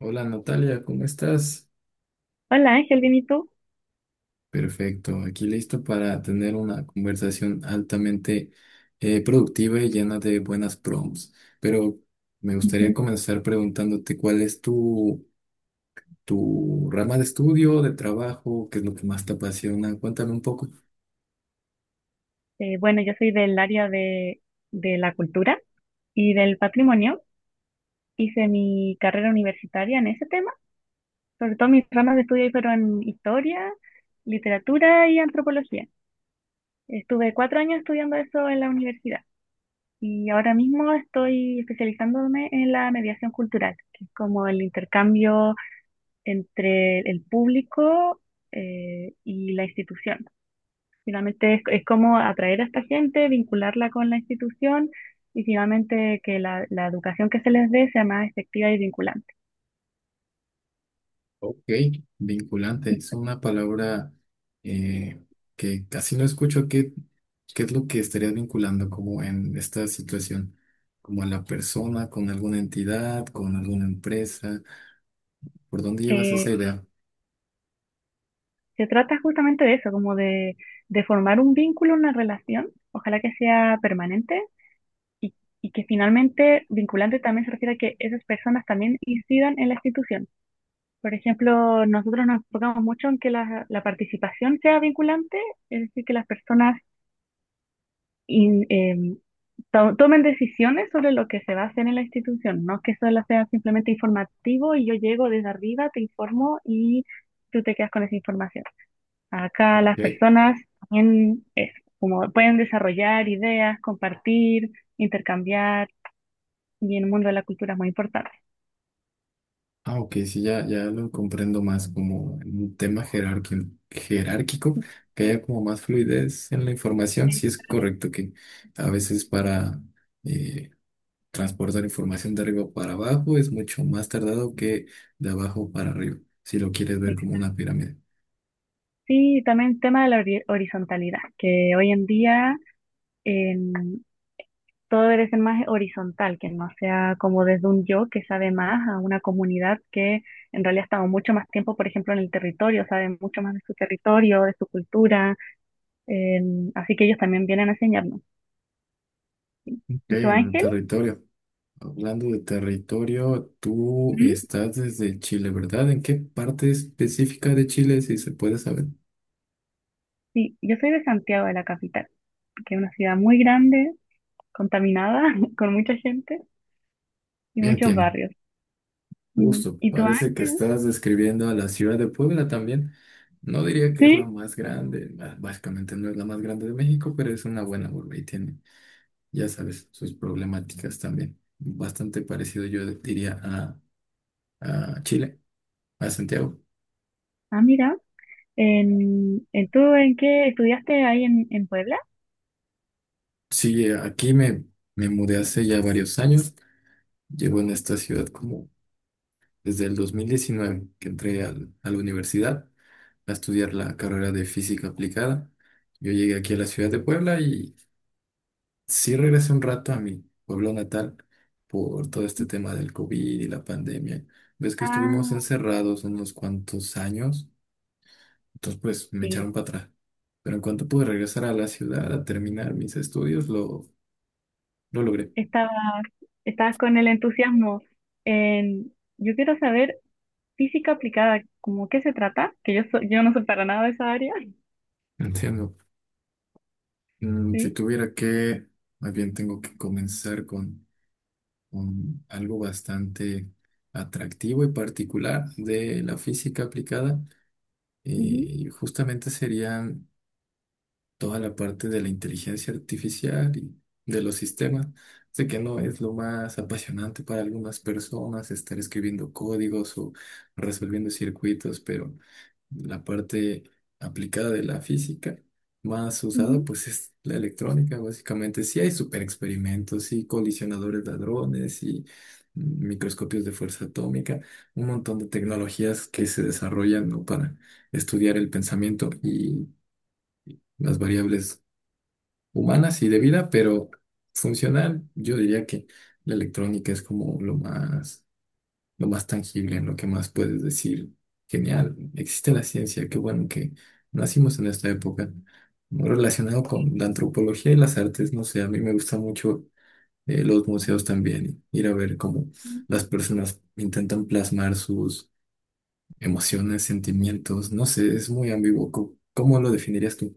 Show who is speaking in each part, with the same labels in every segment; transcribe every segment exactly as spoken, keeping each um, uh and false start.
Speaker 1: Hola Natalia, ¿cómo estás?
Speaker 2: Hola Ángel, bien, ¿y tú?
Speaker 1: Perfecto, aquí listo para tener una conversación altamente eh, productiva y llena de buenas prompts. Pero me gustaría comenzar preguntándote cuál es tu, tu rama de estudio, de trabajo, qué es lo que más te apasiona. Cuéntame un poco.
Speaker 2: Eh, bueno, yo soy del área de, de la cultura y del patrimonio. Hice mi carrera universitaria en ese tema. Sobre todo mis ramas de estudio ahí fueron historia, literatura y antropología. Estuve cuatro años estudiando eso en la universidad y ahora mismo estoy especializándome en la mediación cultural, que es como el intercambio entre el público eh, y la institución. Finalmente es, es como atraer a esta gente, vincularla con la institución y finalmente que la, la educación que se les dé sea más efectiva y vinculante.
Speaker 1: Ok, vinculante,
Speaker 2: Y,
Speaker 1: es una palabra eh, que casi no escucho. ¿Qué, qué es lo que estarías vinculando como en esta situación? ¿Como a la persona, con alguna entidad, con alguna empresa? ¿Por dónde llevas esa
Speaker 2: eh,
Speaker 1: idea?
Speaker 2: Se trata justamente de eso, como de, de formar un vínculo, una relación, ojalá que sea permanente y, y que finalmente vinculante también se refiere a que esas personas también incidan en la institución. Por ejemplo, nosotros nos enfocamos mucho en que la, la participación sea vinculante, es decir, que las personas in- em, to- tomen decisiones sobre lo que se va a hacer en la institución, no que solo sea simplemente informativo y yo llego desde arriba, te informo y tú te quedas con esa información. Acá las
Speaker 1: Ok.
Speaker 2: personas también es como pueden desarrollar ideas, compartir, intercambiar y en el mundo de la cultura es muy importante.
Speaker 1: Ah, ok, sí, ya, ya lo comprendo más como en un tema jerárquico, jerárquico, que haya como más fluidez en la información. Sí es
Speaker 2: Ex-
Speaker 1: correcto que a veces para... eh, Transportar información de arriba para abajo es mucho más tardado que de abajo para arriba, si lo quieres ver como
Speaker 2: exacto.
Speaker 1: una pirámide.
Speaker 2: Sí, y también el tema de la hori- horizontalidad, que hoy en día todo debe ser más horizontal, que no sea como desde un yo que sabe más a una comunidad que en realidad ha estado mucho más tiempo, por ejemplo, en el territorio, sabe mucho más de su territorio, de su cultura, eh, así que ellos también vienen a enseñarnos.
Speaker 1: Ok,
Speaker 2: ¿Y tú,
Speaker 1: en el
Speaker 2: Ángel?
Speaker 1: territorio. Hablando de territorio, tú
Speaker 2: ¿Mm?
Speaker 1: estás desde Chile, ¿verdad? ¿En qué parte específica de Chile, si se puede saber?
Speaker 2: Sí, yo soy de Santiago de la capital, que es una ciudad muy grande, contaminada, con mucha gente y
Speaker 1: Bien,
Speaker 2: muchos
Speaker 1: entiendo.
Speaker 2: barrios. Mm,
Speaker 1: Justo,
Speaker 2: ¿y tú,
Speaker 1: parece que
Speaker 2: Ángel?
Speaker 1: estás describiendo a la ciudad de Puebla también. No diría que es la
Speaker 2: Sí.
Speaker 1: más grande, bah, básicamente no es la más grande de México, pero es una buena urbe y tiene, ya sabes, sus problemáticas también. Bastante parecido, yo diría, a, a Chile, a Santiago.
Speaker 2: Ah, mira. En, en- ¿tú en qué estudiaste ahí en, en Puebla?
Speaker 1: Sí, eh, aquí me, me mudé hace ya varios años. Llevo en esta ciudad como desde el dos mil diecinueve que entré al- a la universidad a estudiar la carrera de física aplicada. Yo llegué aquí a la ciudad de Puebla y sí regresé un rato a mi pueblo natal por todo este tema del COVID y la pandemia. Ves que estuvimos
Speaker 2: Ah,
Speaker 1: encerrados unos cuantos años. Entonces, pues me
Speaker 2: sí.
Speaker 1: echaron para atrás. Pero en cuanto pude regresar a la ciudad a terminar mis estudios, lo, lo logré.
Speaker 2: Estabas, estabas con el entusiasmo en, yo quiero saber física aplicada, ¿cómo qué se trata? Que yo, so- yo no soy para nada de esa área.
Speaker 1: Entiendo. Mm, si
Speaker 2: Sí,
Speaker 1: tuviera que, Más bien tengo que comenzar con, con algo bastante atractivo y particular de la física aplicada,
Speaker 2: ujú,
Speaker 1: y justamente serían toda la parte de la inteligencia artificial y de los sistemas. Sé que no es lo más apasionante para algunas personas estar escribiendo códigos o resolviendo circuitos, pero la parte aplicada de la física más usada
Speaker 2: ujú.
Speaker 1: pues es la electrónica, básicamente. Sí hay super experimentos y colisionadores de hadrones y mm, microscopios de fuerza atómica, un montón de tecnologías que se desarrollan, ¿no? Para estudiar el pensamiento y las variables humanas y de vida, pero funcional, yo diría que la electrónica es como lo más, lo más tangible, en lo que más puedes decir, genial, existe la ciencia, qué bueno que nacimos en esta época. Relacionado con la antropología y las artes, no sé, a mí me gusta mucho, eh, los museos también, ir a ver cómo las personas intentan plasmar sus emociones, sentimientos, no sé, es muy ambiguo. ¿Cómo cómo lo definirías tú?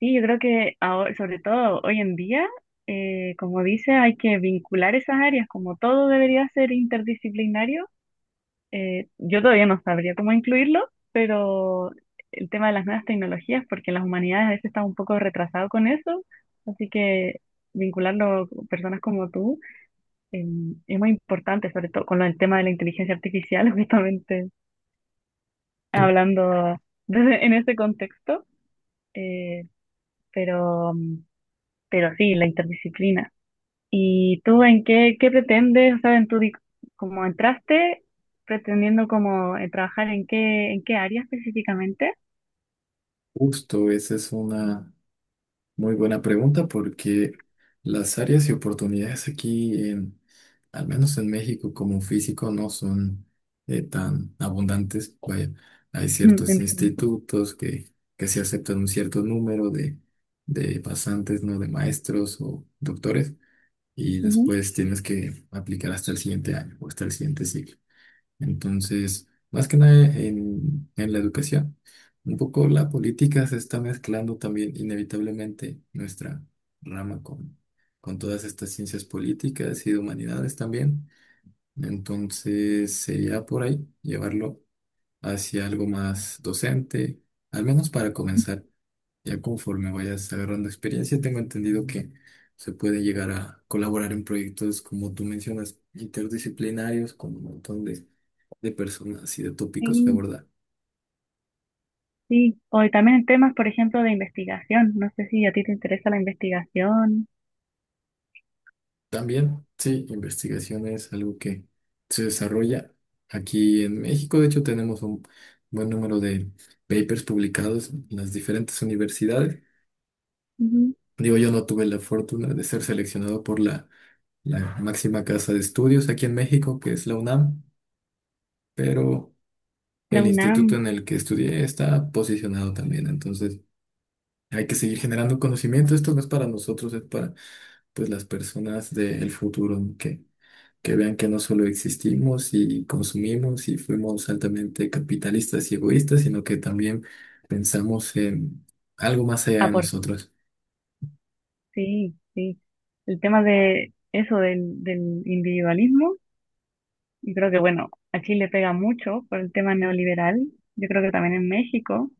Speaker 2: Sí, yo creo que ahora, sobre todo hoy en día, eh, como dice, hay que vincular esas áreas, como todo debería ser interdisciplinario. Eh, yo todavía no sabría cómo incluirlo, pero el tema de las nuevas tecnologías, porque las humanidades a veces están un poco retrasados con eso, así que vincularlo con personas como tú eh, es muy importante, sobre todo con lo del tema de la inteligencia artificial, justamente hablando desde- en ese contexto, eh, pero, pero sí, la interdisciplina. ¿Y tú en qué, qué pretendes? O sea, en tu, di- como entraste pretendiendo como eh, trabajar en qué, ¿en qué área específicamente?
Speaker 1: Justo, esa es una muy buena pregunta porque las áreas y oportunidades aquí, en, al menos en México como físico, no son, eh, tan abundantes. Vaya, hay
Speaker 2: Mm,
Speaker 1: ciertos
Speaker 2: en-
Speaker 1: institutos que, que se aceptan un cierto número de, de pasantes, ¿no? De maestros o doctores y
Speaker 2: Ujú.
Speaker 1: después tienes que aplicar hasta el siguiente año o hasta el siguiente ciclo. Entonces, más que nada en, en la educación, un poco la política se está mezclando también inevitablemente nuestra rama con, con todas estas ciencias políticas y de humanidades también. Entonces, sería por ahí llevarlo hacia algo más docente, al menos para comenzar. Ya conforme vayas agarrando experiencia, tengo entendido que se puede llegar a colaborar en proyectos, como tú mencionas, interdisciplinarios, con un montón de de personas y de tópicos que
Speaker 2: Sí,
Speaker 1: abordar.
Speaker 2: sí. O y también en temas, por ejemplo, de investigación. No sé si a ti te interesa la investigación.
Speaker 1: También, sí, investigación es algo que se desarrolla aquí en México. De hecho, tenemos un buen número de papers publicados en las diferentes universidades.
Speaker 2: Ujú.
Speaker 1: Digo, yo no tuve la fortuna de ser seleccionado por la, la máxima casa de estudios aquí en México, que es la U N A M, pero
Speaker 2: La
Speaker 1: el instituto
Speaker 2: U N A M
Speaker 1: en el que estudié está posicionado también. Entonces, hay que seguir generando conocimiento. Esto no es para nosotros, es para, pues, las personas del futuro, ¿no? que que vean que no solo existimos y consumimos y fuimos altamente capitalistas y egoístas, sino que también pensamos en algo más allá de
Speaker 2: aporta.
Speaker 1: nosotros.
Speaker 2: Sí, sí. El tema de eso, del, del individualismo. Yo creo que, bueno, a Chile pega mucho por el tema neoliberal. Yo creo que también en México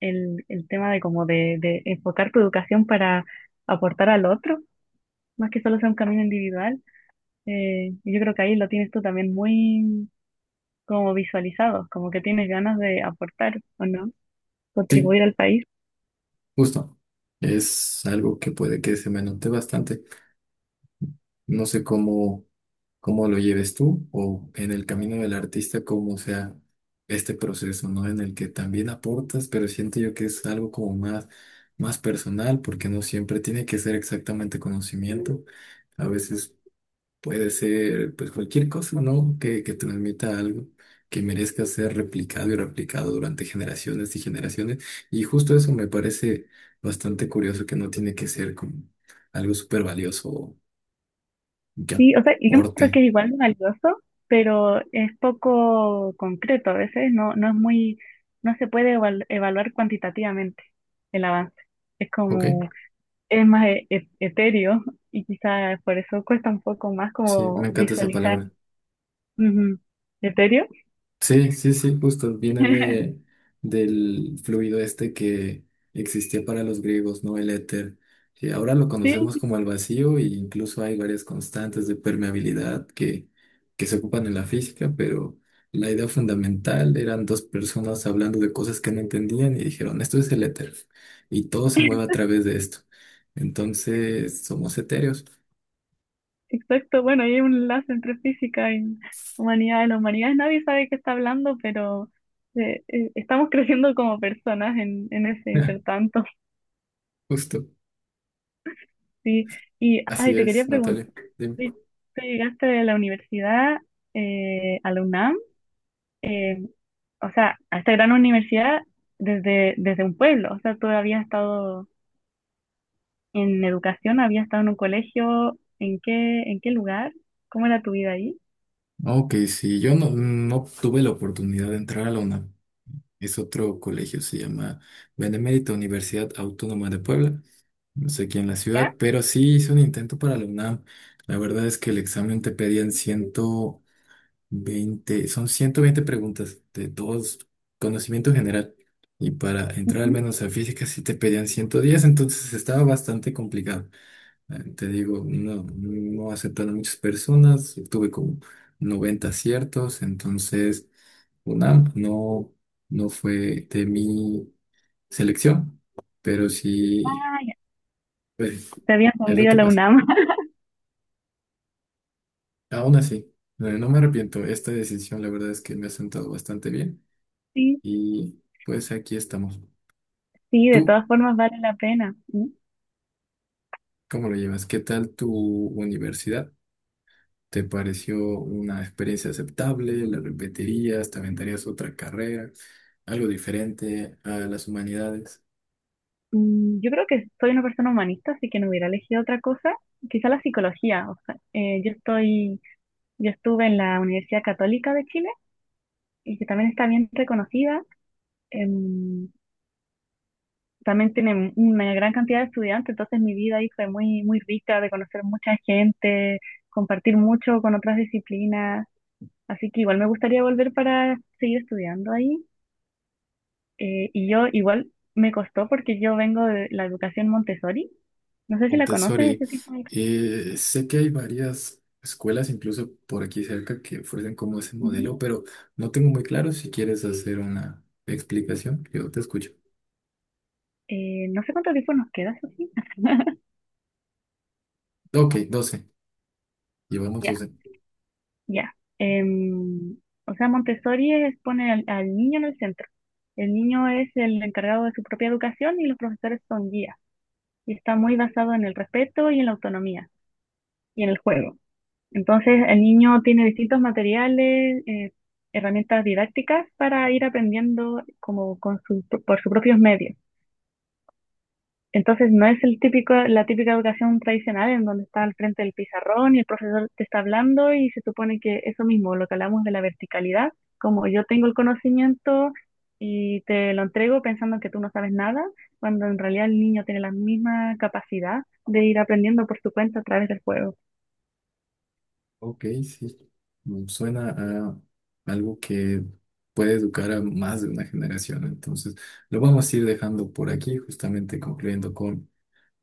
Speaker 2: el, el tema de como de, de enfocar tu educación para aportar al otro, más que solo sea un camino individual. Eh, yo creo que ahí lo tienes tú también muy como visualizado, como que tienes ganas de aportar o no,
Speaker 1: Sí,
Speaker 2: contribuir al país.
Speaker 1: justo. Es algo que puede que se me note bastante. No sé cómo, cómo lo lleves tú o en el camino del artista, cómo sea este proceso, ¿no? En el que también aportas, pero siento yo que es algo como más, más personal, porque no siempre tiene que ser exactamente conocimiento. A veces puede ser, pues, cualquier cosa, ¿no? Que, que transmita algo que merezca ser replicado y replicado durante generaciones y generaciones. Y justo eso me parece bastante curioso, que no tiene que ser como algo súper valioso o que
Speaker 2: Sí, o sea, yo
Speaker 1: aporte.
Speaker 2: creo que es igual de valioso, pero es poco concreto a veces, no, no es muy, no se puede eval- evaluar cuantitativamente el avance. Es
Speaker 1: ¿Ok?
Speaker 2: como, es más e- e- etéreo y quizás por eso cuesta un poco más
Speaker 1: Sí, me
Speaker 2: como
Speaker 1: encanta esa
Speaker 2: visualizar.
Speaker 1: palabra.
Speaker 2: Ujú. ¿Etéreo?
Speaker 1: Sí, sí, sí, justo. Viene de, del fluido este que existía para los griegos, ¿no? El éter, que ahora lo conocemos
Speaker 2: Sí,
Speaker 1: como el vacío e incluso hay varias constantes de permeabilidad que, que se ocupan en la física, pero la idea fundamental eran dos personas hablando de cosas que no entendían y dijeron, esto es el éter y todo se mueve a través de esto. Entonces, somos etéreos.
Speaker 2: exacto. Bueno, hay un enlace entre física y humanidades. Las humanidades nadie sabe qué está hablando, pero eh, eh, estamos creciendo como personas en, en ese intertanto.
Speaker 1: Justo.
Speaker 2: Sí, y ay,
Speaker 1: Así
Speaker 2: te quería
Speaker 1: es,
Speaker 2: preguntar,
Speaker 1: Natalia. Dime.
Speaker 2: ¿tú ¿tú llegaste de la universidad eh, a la U N A M? eh, o sea, a esta gran universidad desde, desde un pueblo. O sea, tú habías estado en educación, habías estado en un colegio, ¿en qué, ¿en qué lugar? ¿Cómo era tu vida ahí?
Speaker 1: Ok, sí, yo no, no tuve la oportunidad de entrar a la U N A M. Es otro colegio, se llama Benemérita Universidad Autónoma de Puebla. No sé quién en la
Speaker 2: ¿Ya?
Speaker 1: ciudad, pero sí hice un intento para la U N A M. La verdad es que el examen te pedían ciento veinte, son ciento veinte preguntas de dos conocimiento general. Y para entrar al
Speaker 2: Ujú.
Speaker 1: menos a física sí te pedían ciento diez. Entonces estaba bastante complicado. Eh, Te digo, no, no aceptaron muchas personas, tuve como noventa aciertos, entonces U N A M no, no fue de mi selección, pero sí,
Speaker 2: Ah, ya.
Speaker 1: pues,
Speaker 2: Te habías
Speaker 1: es lo
Speaker 2: hundido
Speaker 1: que
Speaker 2: la
Speaker 1: pasa.
Speaker 2: U N A M.
Speaker 1: Aún así, eh, no me arrepiento, esta decisión la verdad es que me ha sentado bastante bien
Speaker 2: Sí,
Speaker 1: y pues aquí estamos.
Speaker 2: sí, de
Speaker 1: ¿Tú
Speaker 2: todas formas vale la pena. Mm,
Speaker 1: cómo lo llevas? ¿Qué tal tu universidad? ¿Te pareció una experiencia aceptable? ¿La repetirías? ¿Te aventarías otra carrera? ¿Algo diferente a las humanidades?
Speaker 2: mm, Yo creo que soy una persona humanista, así que no hubiera elegido otra cosa, quizá la psicología. O sea, eh, yo estoy Yo estuve en la Universidad Católica de Chile y que también está bien reconocida. em, También tiene una gran cantidad de estudiantes, entonces mi vida ahí fue muy, muy rica de conocer mucha gente, compartir mucho con otras disciplinas. Así que igual me gustaría volver para seguir estudiando ahí. Eh, y yo igual me costó porque yo vengo de la educación Montessori. No sé si la conoces,
Speaker 1: Montessori.
Speaker 2: ese tipo de...
Speaker 1: eh, sé que hay varias escuelas, incluso por aquí cerca, que ofrecen como ese
Speaker 2: Ujú.
Speaker 1: modelo, pero no tengo muy claro si quieres hacer una explicación. Yo te escucho.
Speaker 2: Eh, no sé cuánto tiempo nos queda.
Speaker 1: Ok, doce. Llevamos
Speaker 2: Ya.
Speaker 1: doce.
Speaker 2: Ya. em, o sea, Montessori es poner al, al niño en el centro. El niño es el encargado de su propia educación y los profesores son guías. Y está muy basado en el respeto y en la autonomía y en el juego. Entonces, el niño tiene distintos materiales, eh, herramientas didácticas para ir aprendiendo como con su- por sus propios medios. Entonces no es el típico, la típica educación tradicional en donde está al frente del pizarrón y el profesor te está hablando y se supone que eso mismo, lo que hablamos de la verticalidad, como yo tengo el conocimiento y te lo entrego pensando que tú no sabes nada, cuando en realidad el niño tiene la misma capacidad de ir aprendiendo por su cuenta a través del juego.
Speaker 1: Ok, sí. Mm, Suena a algo que puede educar a más de una generación. Entonces, lo vamos a ir dejando por aquí, justamente concluyendo con,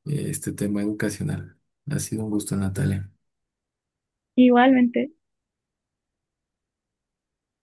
Speaker 1: eh, este tema educacional. Ha sido un gusto, Natalia.
Speaker 2: Igualmente.